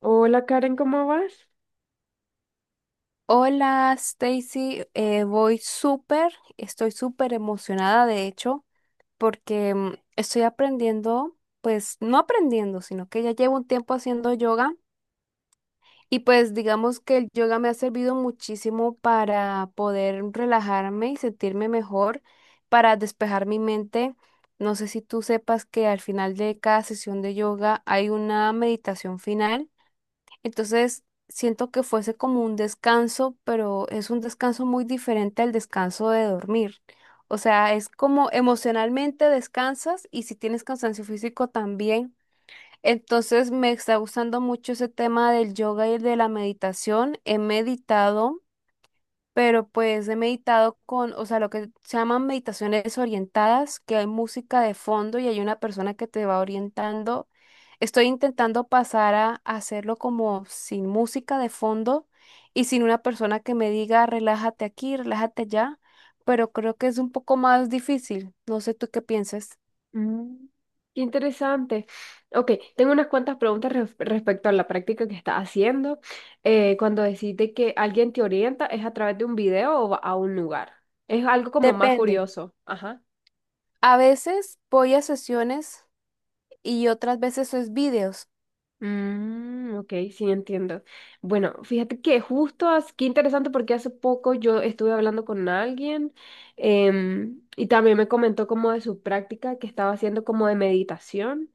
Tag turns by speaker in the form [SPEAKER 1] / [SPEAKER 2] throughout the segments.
[SPEAKER 1] Hola Karen, ¿cómo vas?
[SPEAKER 2] Hola, Stacy. Voy súper, estoy súper emocionada, de hecho, porque estoy aprendiendo, pues no aprendiendo, sino que ya llevo un tiempo haciendo yoga y pues digamos que el yoga me ha servido muchísimo para poder relajarme y sentirme mejor, para despejar mi mente. No sé si tú sepas que al final de cada sesión de yoga hay una meditación final, entonces siento que fuese como un descanso, pero es un descanso muy diferente al descanso de dormir. O sea, es como emocionalmente descansas y si tienes cansancio físico también. Entonces, me está gustando mucho ese tema del yoga y de la meditación. He meditado, pero pues he meditado con, o sea, lo que se llaman meditaciones orientadas, que hay música de fondo y hay una persona que te va orientando. Estoy intentando pasar a hacerlo como sin música de fondo y sin una persona que me diga relájate aquí, relájate allá, pero creo que es un poco más difícil. No sé tú qué piensas.
[SPEAKER 1] Mm. Qué interesante. Ok, tengo unas cuantas preguntas respecto a la práctica que estás haciendo. Cuando decís que alguien te orienta, ¿es a través de un video o va a un lugar? Es algo como más
[SPEAKER 2] Depende.
[SPEAKER 1] curioso. Ajá.
[SPEAKER 2] A veces voy a sesiones y otras veces es vídeos.
[SPEAKER 1] Mm, ok, sí, entiendo. Bueno, fíjate que justo, qué interesante porque hace poco yo estuve hablando con alguien y también me comentó como de su práctica que estaba haciendo como de meditación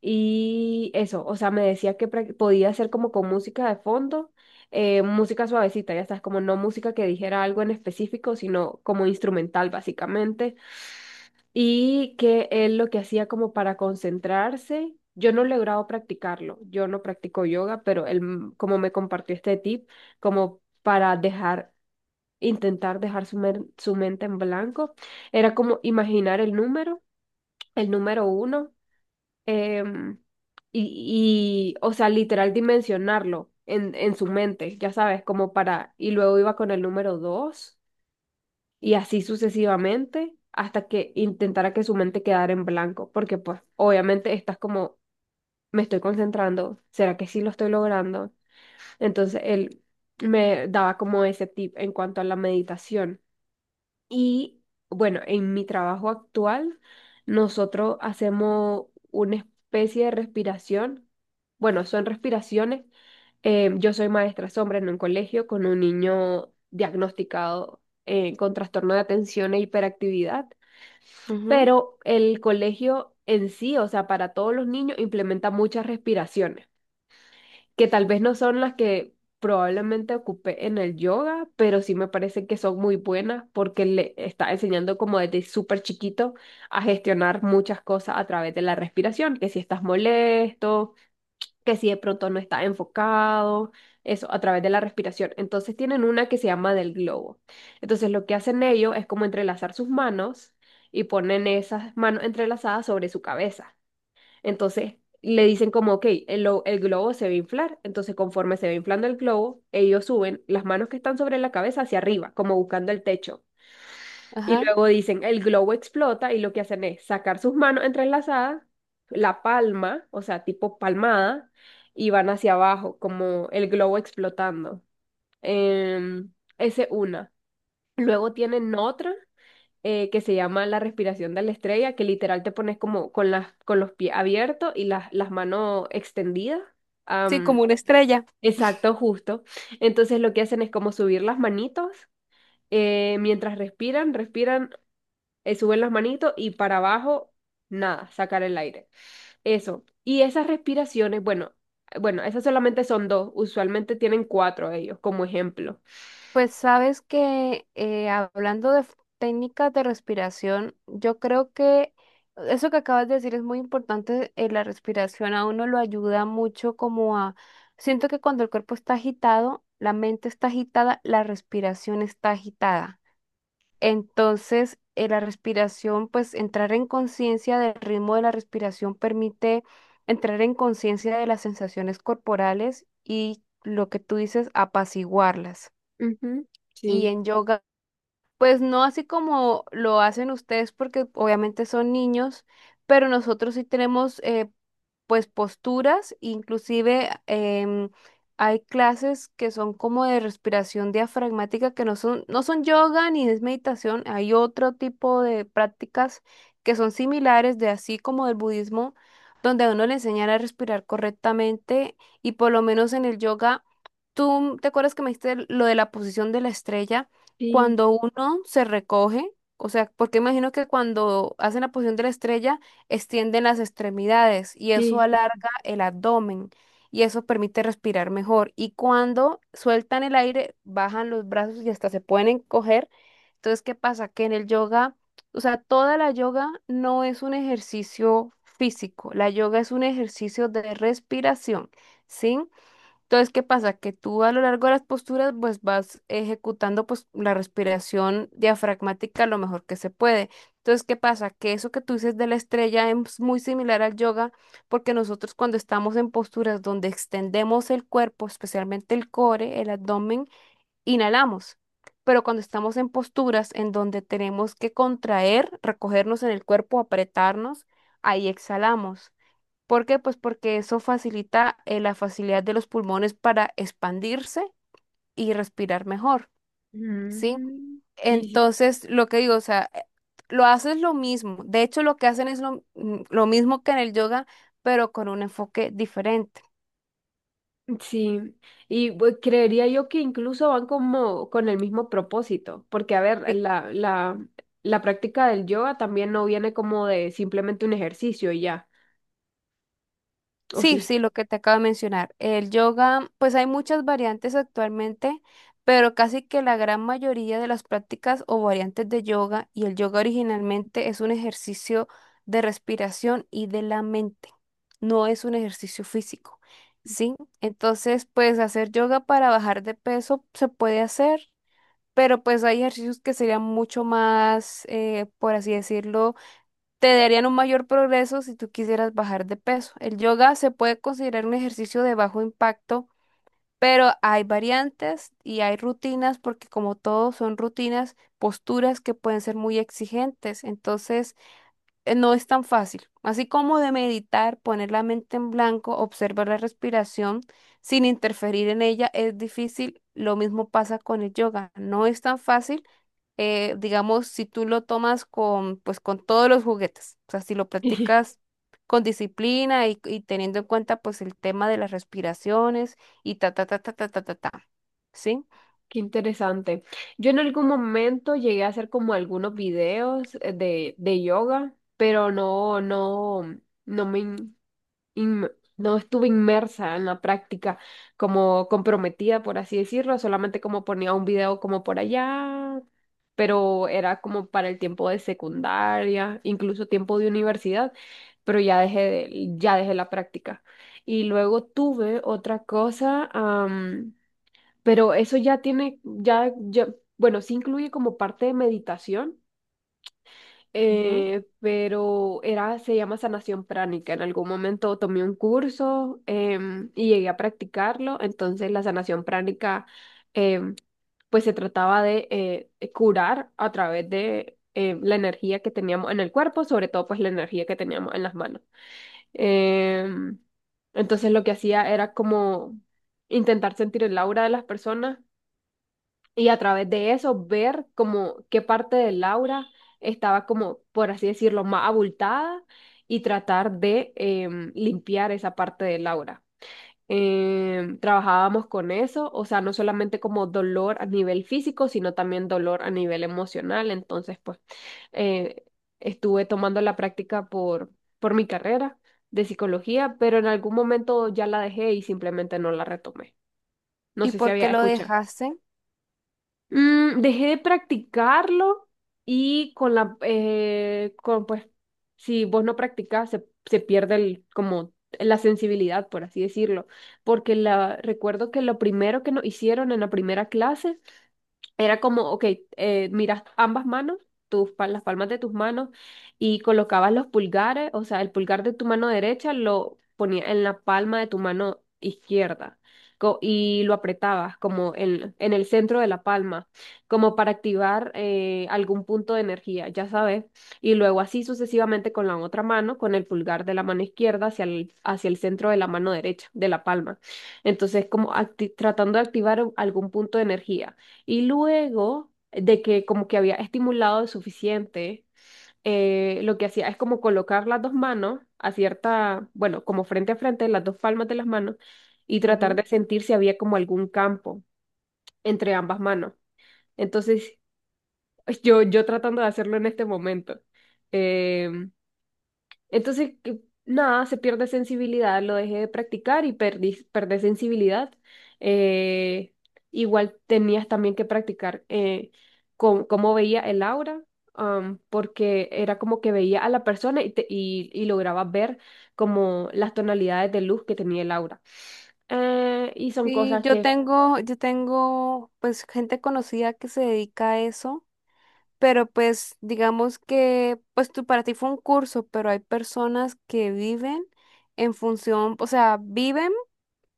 [SPEAKER 1] y eso, o sea, me decía que podía hacer como con música de fondo, música suavecita, ya sabes, como no música que dijera algo en específico, sino como instrumental básicamente y que él lo que hacía como para concentrarse, yo no he logrado practicarlo, yo no practico yoga, pero él como me compartió este tip, como para dejar, intentar dejar su mente en blanco, era como imaginar el número uno, em, y, o sea, literal dimensionarlo en su mente, ya sabes, como para, y luego iba con el número dos y así sucesivamente hasta que intentara que su mente quedara en blanco, porque pues obviamente estás como, me estoy concentrando, ¿será que sí lo estoy logrando? Entonces él me daba como ese tip en cuanto a la meditación. Y bueno, en mi trabajo actual, nosotros hacemos una especie de respiración. Bueno, son respiraciones. Yo soy maestra sombra en un colegio con un niño diagnosticado con trastorno de atención e hiperactividad,
[SPEAKER 2] Ujú.
[SPEAKER 1] pero el colegio en sí, o sea, para todos los niños, implementa muchas respiraciones que tal vez no son las que probablemente ocupé en el yoga, pero sí me parece que son muy buenas porque le está enseñando como desde súper chiquito a gestionar muchas cosas a través de la respiración, que si estás molesto, que si de pronto no estás enfocado, eso a través de la respiración. Entonces tienen una que se llama del globo. Entonces lo que hacen ellos es como entrelazar sus manos y ponen esas manos entrelazadas sobre su cabeza. Entonces le dicen como, ok, el, el globo se va a inflar. Entonces conforme se va inflando el globo, ellos suben las manos que están sobre la cabeza hacia arriba, como buscando el techo. Y
[SPEAKER 2] Ajá.
[SPEAKER 1] luego dicen, el globo explota y lo que hacen es sacar sus manos entrelazadas, la palma, o sea, tipo palmada, y van hacia abajo, como el globo explotando. Em, esa es una. Luego tienen otra que se llama la respiración de la estrella, que literal te pones como con las, con los pies abiertos y las manos extendidas.
[SPEAKER 2] Sí, como
[SPEAKER 1] Am,
[SPEAKER 2] una estrella.
[SPEAKER 1] exacto, justo. Entonces lo que hacen es como subir las manitos, mientras respiran, respiran, suben las manitos y para abajo, nada, sacar el aire. Eso. Y esas respiraciones, bueno, bueno, esas solamente son dos, usualmente tienen cuatro ellos como ejemplo.
[SPEAKER 2] Pues sabes que hablando de técnicas de respiración, yo creo que eso que acabas de decir es muy importante. La respiración a uno lo ayuda mucho como a... Siento que cuando el cuerpo está agitado, la mente está agitada, la respiración está agitada. Entonces, la respiración, pues entrar en conciencia del ritmo de la respiración permite entrar en conciencia de las sensaciones corporales y lo que tú dices, apaciguarlas.
[SPEAKER 1] Ujú.
[SPEAKER 2] Y
[SPEAKER 1] Sí,
[SPEAKER 2] en yoga, pues no así como lo hacen ustedes, porque obviamente son niños, pero nosotros sí tenemos pues posturas, inclusive hay clases que son como de respiración diafragmática, que no son yoga ni es meditación, hay otro tipo de prácticas que son similares de así como del budismo, donde a uno le enseñan a respirar correctamente y por lo menos en el yoga, tú te acuerdas que me dijiste lo de la posición de la estrella
[SPEAKER 1] sí,
[SPEAKER 2] cuando uno se recoge, o sea, porque imagino que cuando hacen la posición de la estrella, extienden las extremidades y eso
[SPEAKER 1] sí.
[SPEAKER 2] alarga el abdomen y eso permite respirar mejor. Y cuando sueltan el aire, bajan los brazos y hasta se pueden encoger. Entonces, ¿qué pasa? Que en el yoga, o sea, toda la yoga no es un ejercicio físico, la yoga es un ejercicio de respiración, ¿sí? Entonces, ¿qué pasa? Que tú a lo largo de las posturas, pues vas ejecutando pues la respiración diafragmática lo mejor que se puede. Entonces, ¿qué pasa? Que eso que tú dices de la estrella es muy similar al yoga, porque nosotros cuando estamos en posturas donde extendemos el cuerpo, especialmente el core, el abdomen, inhalamos. Pero cuando estamos en posturas en donde tenemos que contraer, recogernos en el cuerpo, apretarnos, ahí exhalamos. ¿Por qué? Pues porque eso facilita la facilidad de los pulmones para expandirse y respirar mejor, ¿sí?
[SPEAKER 1] Ujú. Sí.
[SPEAKER 2] Entonces, lo que digo, o sea, lo haces lo mismo. De hecho, lo que hacen es lo, lo mismo que en el yoga, pero con un enfoque diferente.
[SPEAKER 1] Sí, y creería yo que incluso van como con el mismo propósito, porque a ver, la, la práctica del yoga también no viene como de simplemente un ejercicio y ya, ¿o
[SPEAKER 2] Sí,
[SPEAKER 1] sí?
[SPEAKER 2] sí, lo que te acabo de mencionar. El yoga, pues hay muchas variantes actualmente, pero casi que la gran mayoría de las prácticas o variantes de yoga y el yoga originalmente es un ejercicio de respiración y de la mente, no es un ejercicio físico, ¿sí? Entonces, pues hacer yoga para bajar de peso se puede hacer, pero pues hay ejercicios que serían mucho más, por así decirlo, te darían un mayor progreso si tú quisieras bajar de peso. El yoga se puede considerar un ejercicio de bajo impacto, pero hay variantes y hay rutinas porque como todo son rutinas, posturas que pueden ser muy exigentes, entonces no es tan fácil. Así como de meditar, poner la mente en blanco, observar la respiración sin interferir en ella es difícil, lo mismo pasa con el yoga. No es tan fácil, digamos, si tú lo tomas con, pues, con todos los juguetes, o sea, si lo practicas con disciplina y teniendo en cuenta, pues, el tema de las respiraciones y ta, ta, ta, ta, ta, ta, ta, ta, ¿sí?
[SPEAKER 1] Qué interesante. Yo en algún momento llegué a hacer como algunos videos de yoga, pero no, no, no me, inme- no estuve inmersa en la práctica, como comprometida, por así decirlo, solamente como ponía un video como por allá, pero era como para el tiempo de secundaria, incluso tiempo de universidad, pero ya dejé, ya dejé la práctica. Y luego tuve otra cosa, pero eso ya tiene, ya, ya, bueno, sí incluye como parte de meditación
[SPEAKER 2] Ujú.
[SPEAKER 1] pero era, se llama sanación pránica. En algún momento tomé un curso y llegué a practicarlo. Entonces la sanación pránica em, pues se trataba de curar a través de la energía que teníamos en el cuerpo, sobre todo pues la energía que teníamos en las manos. Em, entonces lo que hacía era como intentar sentir el aura de las personas y a través de eso ver como qué parte de Laura estaba como, por así decirlo, más abultada y tratar de limpiar esa parte de Laura. Trabajábamos con eso, o sea, no solamente como dolor a nivel físico, sino también dolor a nivel emocional. Entonces, pues, eh, estuve tomando la práctica por mi carrera de psicología, pero en algún momento ya la dejé y simplemente no la retomé. No
[SPEAKER 2] ¿Y
[SPEAKER 1] sé si
[SPEAKER 2] por qué
[SPEAKER 1] había
[SPEAKER 2] lo
[SPEAKER 1] escuchado.
[SPEAKER 2] dejaste?
[SPEAKER 1] Dejé de practicarlo y con la, con, pues, si vos no practicas, se pierde el, como la sensibilidad, por así decirlo, porque la, recuerdo que lo primero que nos hicieron en la primera clase era como, ok, miras ambas manos, tus, las palmas de tus manos, y colocabas los pulgares, o sea, el pulgar de tu mano derecha lo ponía en la palma de tu mano izquierda y lo apretabas como en el centro de la palma, como para activar algún punto de energía, ya sabes, y luego así sucesivamente con la otra mano, con el pulgar de la mano izquierda hacia el centro de la mano derecha, de la palma. Entonces, como tratando de activar algún punto de energía. Y luego de que como que había estimulado suficiente, lo que hacía es como colocar las dos manos a cierta, bueno, como frente a frente, las dos palmas de las manos, y tratar
[SPEAKER 2] Ujú.
[SPEAKER 1] de sentir si había como algún campo entre ambas manos. Entonces, yo tratando de hacerlo en este momento. em, entonces, nada, se pierde sensibilidad, lo dejé de practicar y perdí, perdí sensibilidad. Eh, igual tenías también que practicar cómo veía el aura, porque era como que veía a la persona y, y lograba ver como las tonalidades de luz que tenía el aura. Y son
[SPEAKER 2] Sí,
[SPEAKER 1] cosas que,
[SPEAKER 2] yo tengo, pues, gente conocida que se dedica a eso. Pero pues digamos que pues tú para ti fue un curso, pero hay personas que viven en función, o sea, viven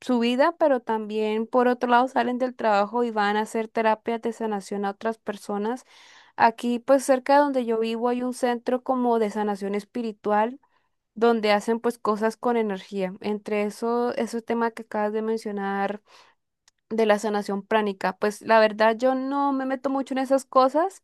[SPEAKER 2] su vida, pero también por otro lado salen del trabajo y van a hacer terapias de sanación a otras personas. Aquí pues cerca de donde yo vivo hay un centro como de sanación espiritual donde hacen pues cosas con energía. Entre eso, ese tema que acabas de mencionar de la sanación pránica, pues la verdad yo no me meto mucho en esas cosas.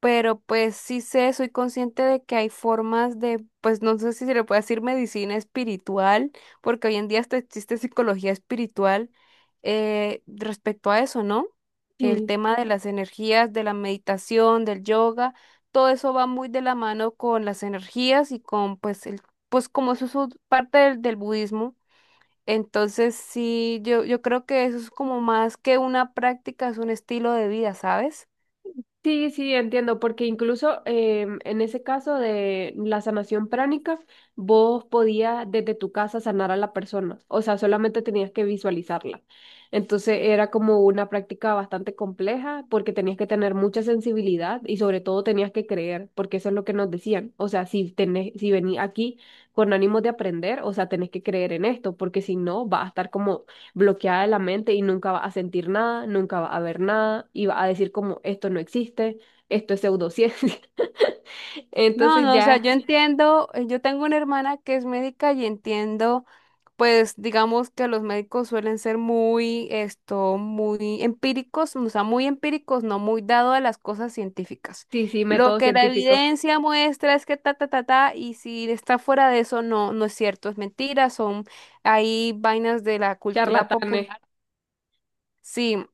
[SPEAKER 2] Pero pues sí sé, soy consciente de que hay formas de, pues no sé si se le puede decir medicina espiritual, porque hoy en día hasta existe psicología espiritual, respecto a eso, ¿no? El
[SPEAKER 1] sí.
[SPEAKER 2] tema de las energías, de la meditación, del yoga, todo eso va muy de la mano con las energías y con, pues, el, pues como eso es parte del, del budismo. Entonces sí, yo creo que eso es como más que una práctica, es un estilo de vida, ¿sabes?
[SPEAKER 1] Sí, sí, entiendo, porque incluso en ese caso de la sanación pránica, vos podías desde tu casa sanar a la persona, o sea, solamente tenías que visualizarla. Entonces era como una práctica bastante compleja porque tenías que tener mucha sensibilidad y sobre todo tenías que creer, porque eso es lo que nos decían. O sea, si tenés, si venís aquí con ánimo de aprender, o sea, tenés que creer en esto, porque si no, vas a estar como bloqueada de la mente y nunca vas a sentir nada, nunca vas a ver nada y vas a decir como esto no existe, esto es pseudociencia.
[SPEAKER 2] No,
[SPEAKER 1] Entonces
[SPEAKER 2] no, o sea, yo
[SPEAKER 1] ya,
[SPEAKER 2] entiendo, yo tengo una hermana que es médica y entiendo, pues digamos que los médicos suelen ser muy, esto, muy empíricos, o sea, muy empíricos, no muy dado a las cosas científicas.
[SPEAKER 1] sí, sí,
[SPEAKER 2] Lo
[SPEAKER 1] método
[SPEAKER 2] que la
[SPEAKER 1] científico,
[SPEAKER 2] evidencia muestra es que ta, ta, ta, ta, y si está fuera de eso, no, no es cierto, es mentira, son ahí vainas de la cultura
[SPEAKER 1] charlatanes.
[SPEAKER 2] popular. Sí,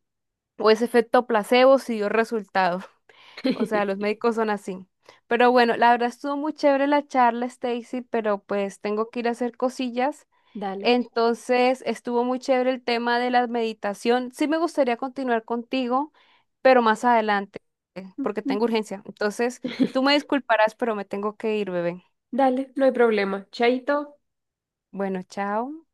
[SPEAKER 2] o ese efecto placebo si dio resultado. O sea, los médicos son así. Pero bueno, la verdad estuvo muy chévere la charla, Stacy, pero pues tengo que ir a hacer cosillas.
[SPEAKER 1] Dale.
[SPEAKER 2] Entonces, estuvo muy chévere el tema de la meditación. Sí me gustaría continuar contigo, pero más adelante, porque tengo urgencia. Entonces, tú me disculparás, pero me tengo que ir, bebé.
[SPEAKER 1] Dale, no hay problema. Chaito.
[SPEAKER 2] Bueno, chao.